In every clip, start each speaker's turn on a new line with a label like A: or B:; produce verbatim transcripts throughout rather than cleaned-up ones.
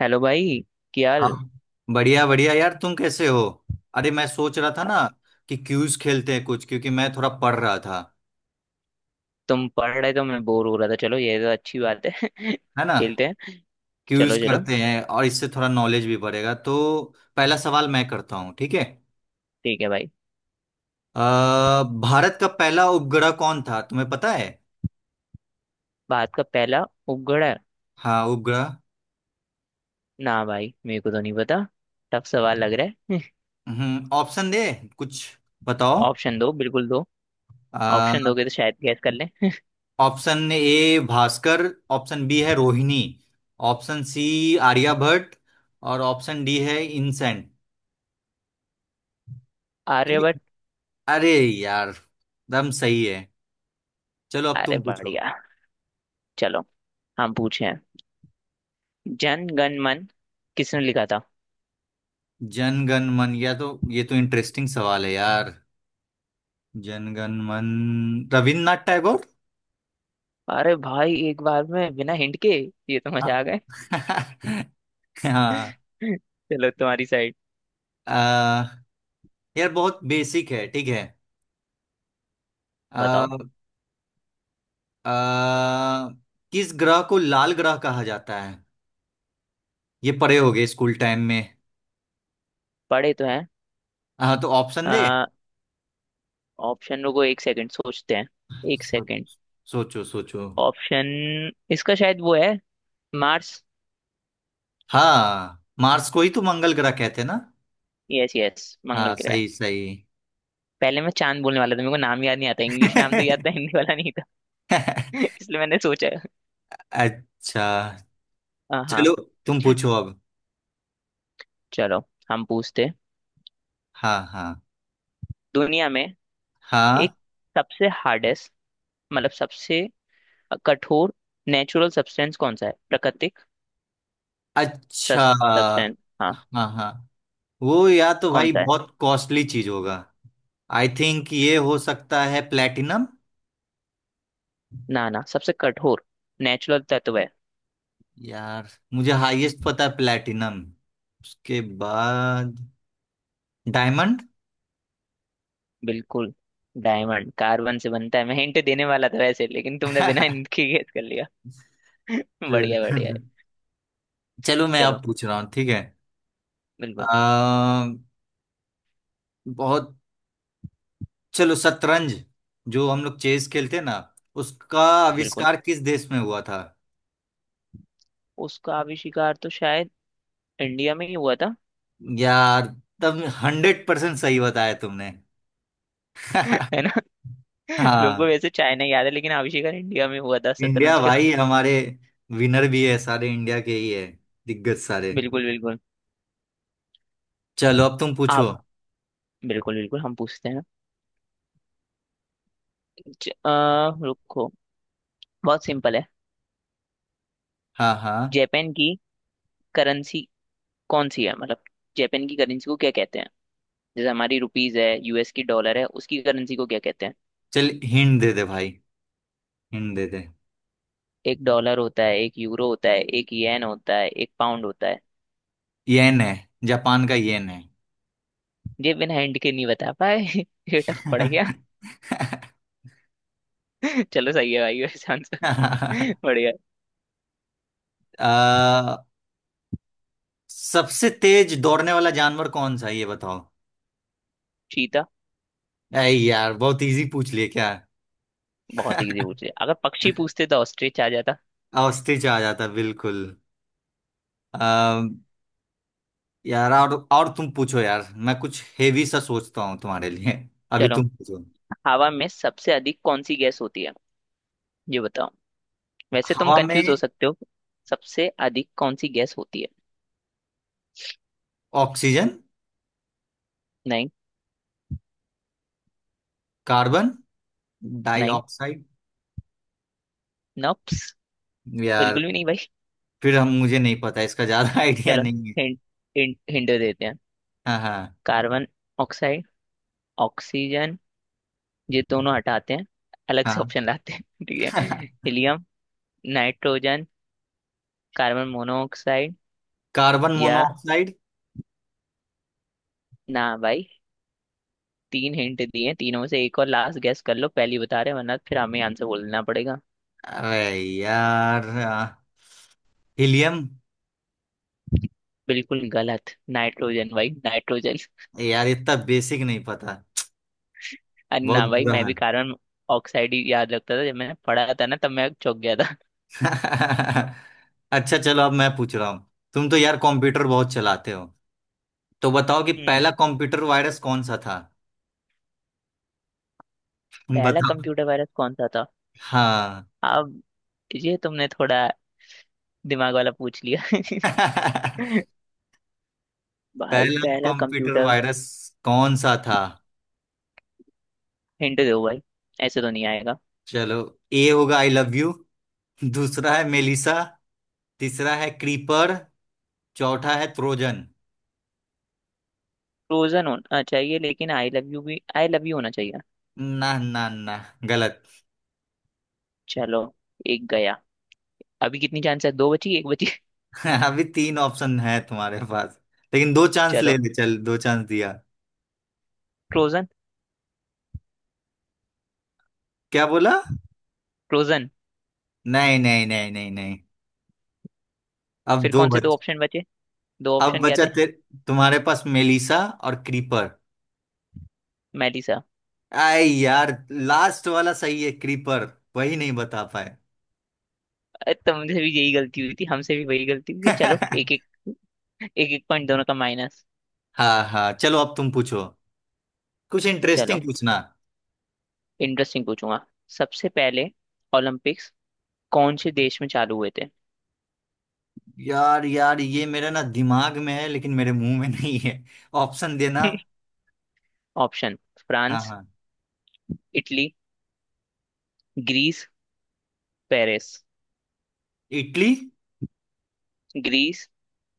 A: Hello भाई। क्या
B: हाँ
A: हाल।
B: हाँ। बढ़िया बढ़िया यार, तुम कैसे हो। अरे, मैं सोच रहा था ना कि क्यूज खेलते हैं कुछ, क्योंकि मैं थोड़ा पढ़ रहा था।
A: तुम पढ़ रहे तो मैं बोर हो रहा था, चलो ये तो अच्छी बात है।
B: है ना।
A: खेलते हैं।
B: क्यूज
A: चलो चलो।
B: करते हैं और इससे थोड़ा नॉलेज भी बढ़ेगा, तो पहला सवाल मैं करता हूँ, ठीक है।
A: ठीक है भाई।
B: अ, भारत का पहला उपग्रह कौन था, तुम्हें पता है।
A: भारत का पहला उपग्रह।
B: हाँ, उपग्रह।
A: ना भाई, मेरे को तो नहीं पता। टफ सवाल लग रहा है।
B: हम्म ऑप्शन दे कुछ, बताओ।
A: ऑप्शन दो, बिल्कुल दो।
B: अ,
A: ऑप्शन दोगे तो शायद गैस कर लें।
B: Option A Bhaskar, option B है रोहिणी, ऑप्शन सी आर्यभट्ट, और ऑप्शन डी है इनसैन।
A: आर्यभट्ट।
B: अरे यार, दम सही है। चलो अब
A: अरे
B: तुम पूछो।
A: बढ़िया। चलो। हम पूछे हैं। जन गण मन किसने लिखा था।
B: जनगण मन, या तो ये तो इंटरेस्टिंग सवाल है यार। जनगण मन, रविन्द्रनाथ टैगोर।
A: अरे भाई, एक बार में बिना हिंट के। ये तो मजा
B: हाँ।
A: आ गए।
B: हाँ।
A: चलो तुम्हारी साइड।
B: अ, यार बहुत बेसिक है, ठीक है। आ,
A: बताओ।
B: किस ग्रह को लाल ग्रह कहा जाता है, ये पढ़े होगे स्कूल टाइम में।
A: पढ़े तो।
B: हाँ, तो ऑप्शन दे।
A: हैं। ऑप्शन रुको, एक सेकंड सोचते हैं। एक सेकंड।
B: सोच- सोचो सोचो।
A: ऑप्शन, इसका शायद वो है। मार्स।
B: हाँ, मार्स को ही तो मंगल ग्रह कहते हैं ना।
A: यस यस,
B: हाँ,
A: मंगल ग्रह।
B: सही सही।
A: पहले मैं चांद बोलने वाला था, मेरे को नाम याद नहीं आता। इंग्लिश नाम तो याद था, हिंदी वाला नहीं था। इसलिए मैंने सोचा।
B: अच्छा।
A: हाँ हाँ।
B: चलो तुम पूछो अब।
A: चलो। हम पूछते हैं।
B: हाँ हाँ।
A: दुनिया में
B: हाँ,
A: एक सबसे हार्डेस्ट, मतलब सबसे कठोर नेचुरल सब्सटेंस कौन सा है, प्राकृतिक
B: अच्छा।
A: सब्सटेंस। हाँ।
B: हाँ हाँ, वो या तो
A: कौन
B: भाई
A: सा है।
B: बहुत कॉस्टली चीज होगा। आई थिंक ये हो सकता है प्लेटिनम।
A: ना ना, सबसे कठोर नेचुरल तत्व है।
B: यार मुझे हाईएस्ट पता है प्लेटिनम, उसके बाद डायमंड।
A: बिल्कुल। डायमंड कार्बन से बनता है। मैं हिंट देने वाला था वैसे, लेकिन तुमने बिना हिंट के गेस कर लिया। बढ़िया बढ़िया।
B: चलो। चलो, मैं अब
A: चलो।
B: पूछ रहा हूँ, ठीक है।
A: बिल्कुल
B: आ, बहुत, चलो शतरंज, जो हम लोग चेस खेलते हैं ना, उसका
A: बिल्कुल।
B: आविष्कार किस देश में हुआ था।
A: उसका आविष्कार तो शायद इंडिया में ही हुआ था।
B: यार, तब हंड्रेड परसेंट सही बताया तुमने।
A: है ना। लोगों को
B: हाँ।
A: वैसे चाइना याद है, लेकिन आविष्कार इंडिया में हुआ था
B: इंडिया,
A: शतरंज का।
B: भाई हमारे विनर भी है सारे, इंडिया के ही है दिग्गज सारे।
A: बिल्कुल बिल्कुल।
B: चलो अब तुम पूछो।
A: आप। बिल्कुल बिल्कुल, हम पूछते हैं। ज, आ, रुको। बहुत सिंपल है।
B: हाँ हाँ।
A: जापान की करेंसी कौन सी है, मतलब जापान की करेंसी को क्या कहते हैं। जैसे हमारी रुपीज है, यूएस की डॉलर है, उसकी करेंसी को क्या कहते हैं।
B: चल हिंट दे दे भाई, हिंट दे दे।
A: एक डॉलर होता है, एक यूरो होता है, एक येन होता है, एक पाउंड होता है।
B: येन है, जापान का येन है।
A: ये बिना हिंट के नहीं बता पाए। ये टफ पड़ गया। चलो सही है भाई वैसे आंसर। बढ़िया।
B: आ, सबसे तेज दौड़ने वाला जानवर कौन सा है, ये बताओ।
A: चीता।
B: अरे यार, बहुत इजी पूछ लिए क्या।
A: बहुत इजी पूछ लिया, अगर पक्षी पूछते तो ऑस्ट्रिच आ जाता।
B: ऑस्ट्रिच आ जाता बिल्कुल। यार, और और तुम पूछो, यार मैं कुछ हेवी सा सोचता हूँ तुम्हारे लिए। अभी
A: चलो।
B: तुम पूछो।
A: हवा में सबसे अधिक कौन सी गैस होती है ये बताओ, वैसे तुम
B: हवा में
A: कंफ्यूज हो सकते हो। सबसे अधिक कौन सी गैस होती है।
B: ऑक्सीजन,
A: नहीं।
B: कार्बन
A: नहीं।
B: डाइऑक्साइड।
A: नॉप्स।
B: यार
A: बिल्कुल भी नहीं भाई।
B: फिर हम, मुझे नहीं पता इसका ज्यादा आइडिया
A: चलो।
B: नहीं है।
A: हिंट। हिंट हिंट देते हैं।
B: हाँ हाँ।
A: कार्बन। ऑक्साइड। ऑक्सीजन। ये दोनों हटाते हैं। अलग से ऑप्शन लाते हैं। ठीक है।
B: हाँ।
A: Helium. Nitrogen. Carbon monoxide.
B: Carbon
A: या।
B: मोनोऑक्साइड।
A: ना भाई। तीन हिंट दिए, तीनों में से एक और लास्ट गैस कर लो, पहली बता रहे हैं, वरना फिर हमें आंसर बोलना पड़ेगा।
B: अरे यार, हीलियम।
A: बिल्कुल गलत। नाइट्रोजन भाई, नाइट्रोजन।
B: यार इतना बेसिक नहीं पता,
A: अरे ना
B: बहुत
A: भाई,
B: बुरा
A: मैं भी
B: हाल।
A: कार्बन ऑक्साइड ही याद रखता था। जब मैंने पढ़ा था ना, तब मैं चौंक गया था।
B: अच्छा, चलो अब मैं पूछ रहा हूँ। तुम तो यार कंप्यूटर बहुत चलाते हो, तो बताओ कि
A: हम्म
B: पहला कंप्यूटर वायरस कौन सा था।
A: पहला
B: बताओ।
A: कंप्यूटर वायरस कौन सा था।
B: हाँ।
A: अब ये तुमने थोड़ा दिमाग वाला पूछ लिया। भाई
B: पहला
A: पहला
B: कंप्यूटर
A: कंप्यूटर।
B: वायरस कौन सा था।
A: हिंट दो भाई, ऐसे तो नहीं आएगा।
B: चलो, ए होगा आई लव यू, दूसरा है मेलिसा, तीसरा है क्रीपर, चौथा है ट्रोजन।
A: फ्रोजन होना चाहिए, लेकिन आई लव यू भी आई लव यू होना चाहिए।
B: ना ना ना, गलत।
A: चलो। एक गया। अभी कितनी चांस है, दो बची एक बची।
B: अभी तीन ऑप्शन है तुम्हारे पास, लेकिन दो चांस
A: चलो।
B: ले ले, चल दो चांस दिया।
A: फ्रोजन।
B: क्या बोला।
A: फ्रोजन।
B: नहीं नहीं नहीं नहीं नहीं। अब
A: फिर
B: दो
A: कौन से दो
B: बच,
A: ऑप्शन बचे, दो
B: अब
A: ऑप्शन क्या
B: बचा
A: थे।
B: तेरे, तुम्हारे पास मेलिसा और क्रीपर।
A: मेलिसा।
B: आई यार, लास्ट वाला सही है क्रीपर, वही नहीं बता पाए।
A: अरे तुमसे भी यही गलती हुई थी, हमसे भी वही गलती हुई है। चलो एक एक। एक एक पॉइंट दोनों का माइनस।
B: हाँ हाँ, चलो अब तुम पूछो, कुछ इंटरेस्टिंग
A: चलो।
B: पूछना।
A: इंटरेस्टिंग पूछूंगा। सबसे पहले ओलंपिक्स कौन से देश में चालू हुए थे।
B: यार यार, ये मेरे ना दिमाग में है लेकिन मेरे मुंह में नहीं है। ऑप्शन देना।
A: ऑप्शन,
B: हाँ
A: फ्रांस।
B: हाँ।
A: Italy. Greece. Paris.
B: Italy.
A: Greece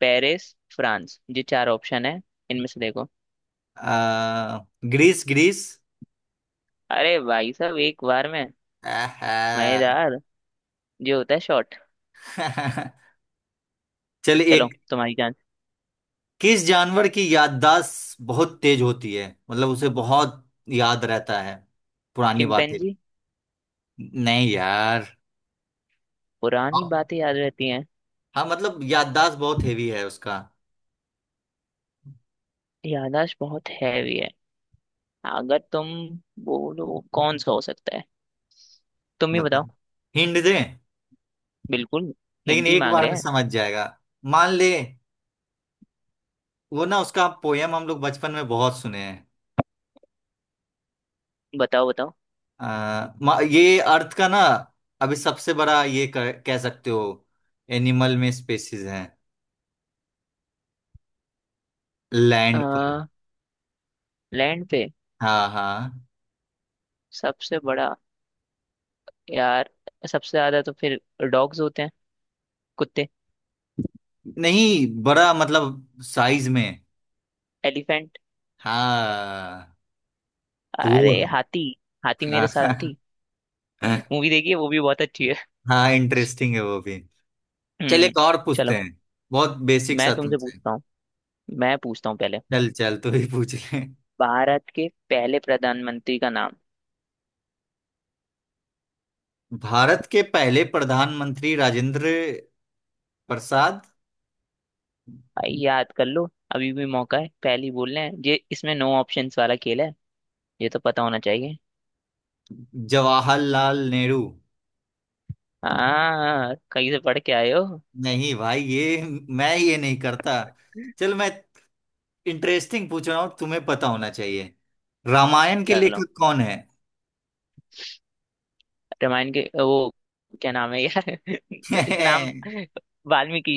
A: Paris France, ये चार ऑप्शन है, इनमें से देखो।
B: आ, ग्रीस ग्रीस।
A: अरे भाई साहब, एक बार में।
B: आहा।
A: मजेदार जो होता है शॉर्ट।
B: चल
A: चलो
B: एक।
A: तुम्हारी जान।
B: किस जानवर की याददाश्त बहुत तेज होती है, मतलब उसे बहुत याद रहता है पुरानी बातें।
A: चिंपैंजी।
B: नहीं यार।
A: पुरानी
B: हाँ,
A: बातें याद रहती हैं।
B: हाँ, मतलब याददाश्त बहुत हेवी है उसका।
A: याददाश्त बहुत हैवी है, अगर तुम बोलो कौन सा हो सकता है, तुम ही बताओ।
B: मतलब हिंट दे,
A: बिल्कुल।
B: लेकिन
A: हिंट ही
B: एक
A: मांग
B: बार
A: रहे
B: में
A: हैं।
B: समझ जाएगा। मान ले, वो ना उसका पोयम हम लोग बचपन में बहुत सुने हैं।
A: बताओ बताओ।
B: अ, मा- ये अर्थ का ना, अभी सबसे बड़ा, ये कह कह सकते हो एनिमल में स्पेसिस हैं लैंड पर।
A: आ, लैंड पे।
B: हाँ हाँ।
A: सबसे बड़ा। यार सबसे ज्यादा तो फिर डॉग्स होते हैं, कुत्ते।
B: नहीं, बड़ा मतलब साइज में।
A: एलिफेंट।
B: हाँ। तो वो-
A: अरे हाथी। हाथी मेरे
B: हाँ
A: साथी मूवी देखी है, वो भी बहुत अच्छी है।
B: हाँ, इंटरेस्टिंग है वो भी। चल
A: हम्म
B: एक और पूछते
A: चलो।
B: हैं, बहुत बेसिक
A: मैं
B: सा
A: तुमसे
B: तुमसे।
A: पूछता हूँ। मैं पूछता हूँ पहले।
B: चल चल तू ही पूछ ले।
A: भारत के पहले प्रधानमंत्री का नाम।
B: भारत के पहले प्रधानमंत्री राजेंद्र प्रसाद।
A: भाई याद कर लो, अभी भी मौका है। पहले ही बोलना है ये, इसमें नो ऑप्शंस वाला खेल है। ये तो पता होना चाहिए।
B: जवाहरलाल नेहरू।
A: हाँ, कहीं से पढ़ के आए हो।
B: नहीं भाई, ये मैं ये नहीं करता। चल मैं इंटरेस्टिंग पूछ रहा हूँ, तुम्हें पता होना चाहिए। रामायण के
A: चलो।
B: लेखक कौन है।
A: रामायण के वो क्या नाम है यार। नाम। वाल्मीकि।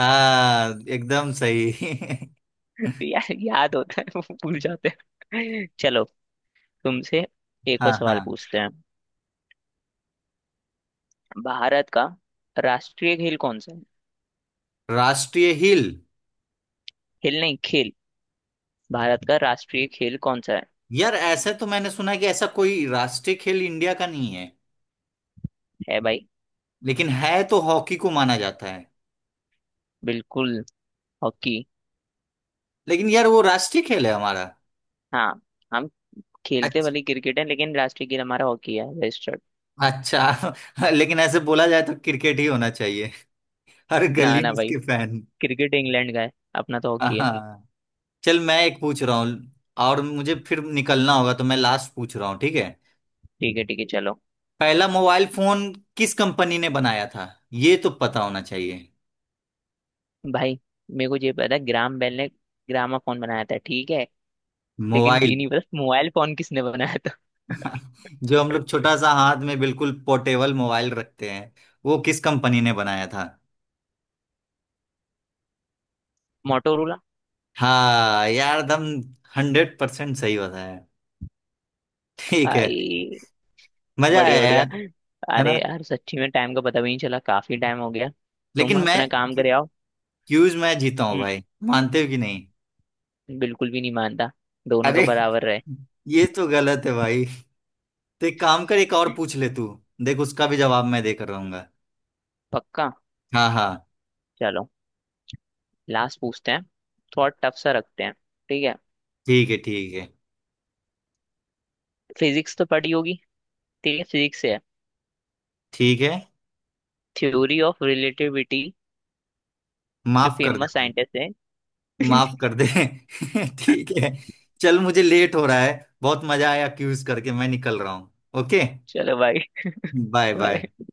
B: हाँ एकदम सही।
A: यार, याद होता है वो, भूल जाते हैं। चलो। तुमसे एक
B: हाँ
A: और सवाल
B: हाँ।
A: पूछते हैं। भारत का राष्ट्रीय खेल कौन सा है।
B: राष्ट्रीय खेल।
A: खेल नहीं, खेल। भारत का राष्ट्रीय खेल कौन सा है।
B: यार ऐसा तो मैंने सुना है कि ऐसा कोई राष्ट्रीय खेल इंडिया का नहीं है।
A: है भाई।
B: लेकिन है तो हॉकी को माना जाता है।
A: बिल्कुल। हॉकी।
B: लेकिन यार वो राष्ट्रीय खेल है हमारा।
A: हाँ। हम खेलते
B: अच्छा।
A: भले क्रिकेट है, लेकिन राष्ट्रीय खेल हमारा हॉकी है, रजिस्टर्ड।
B: अच्छा। लेकिन ऐसे बोला जाए तो क्रिकेट ही होना चाहिए, हर
A: ना
B: गली में
A: ना भाई,
B: इसके फैन।
A: क्रिकेट इंग्लैंड का है, अपना तो हॉकी है।
B: हाँ। चल मैं एक पूछ रहा हूँ और मुझे फिर निकलना होगा, तो मैं लास्ट पूछ रहा हूँ, ठीक है।
A: ठीक है ठीक है, चलो।
B: पहला मोबाइल फोन किस कंपनी ने बनाया था, ये तो पता होना चाहिए।
A: भाई मेरे को ये पता है, ग्राम बेल ने ग्रामाफोन बनाया था ठीक है, लेकिन ये
B: मोबाइल,
A: नहीं पता मोबाइल फोन किसने बनाया था।
B: जो हम लोग छोटा सा हाथ में बिल्कुल पोर्टेबल मोबाइल रखते हैं, वो किस कंपनी ने बनाया था।
A: मोटोरोला।
B: हाँ यार दम, हंड्रेड परसेंट सही बताया, ठीक है।
A: आई।
B: मजा
A: बढ़िया
B: आया
A: बढ़िया।
B: यार। है
A: अरे
B: ना।
A: यार, सच्ची में टाइम का पता भी नहीं चला, काफी टाइम हो गया। तुम
B: लेकिन
A: अपना
B: मैं,
A: काम करे आओ।
B: क्यूज मैं जीता हूँ
A: हम्म,
B: भाई, मानते हो कि नहीं।
A: बिल्कुल भी नहीं मानता। दोनों का
B: अरे,
A: बराबर रहे।
B: ये तो गलत है भाई, तो एक काम कर एक और पूछ ले तू, देख उसका भी जवाब मैं देकर रहूंगा।
A: पक्का।
B: हाँ हाँ।
A: चलो। लास्ट पूछते हैं, थोड़ा टफ सा रखते हैं ठीक है।
B: ठीक है ठीक है
A: फिजिक्स तो पढ़ी होगी। ठीक है, फिजिक्स है।
B: ठीक है।
A: Theory of relativity. जो
B: माफ कर दे
A: फेमस
B: भाई,
A: साइंटिस्ट है।
B: माफ कर दे। ठीक है। चल मुझे लेट हो रहा है, बहुत मजा आया क्यूज करके, मैं निकल रहा हूँ। ओके।
A: चलो भाई,
B: बाय बाय।
A: बाय।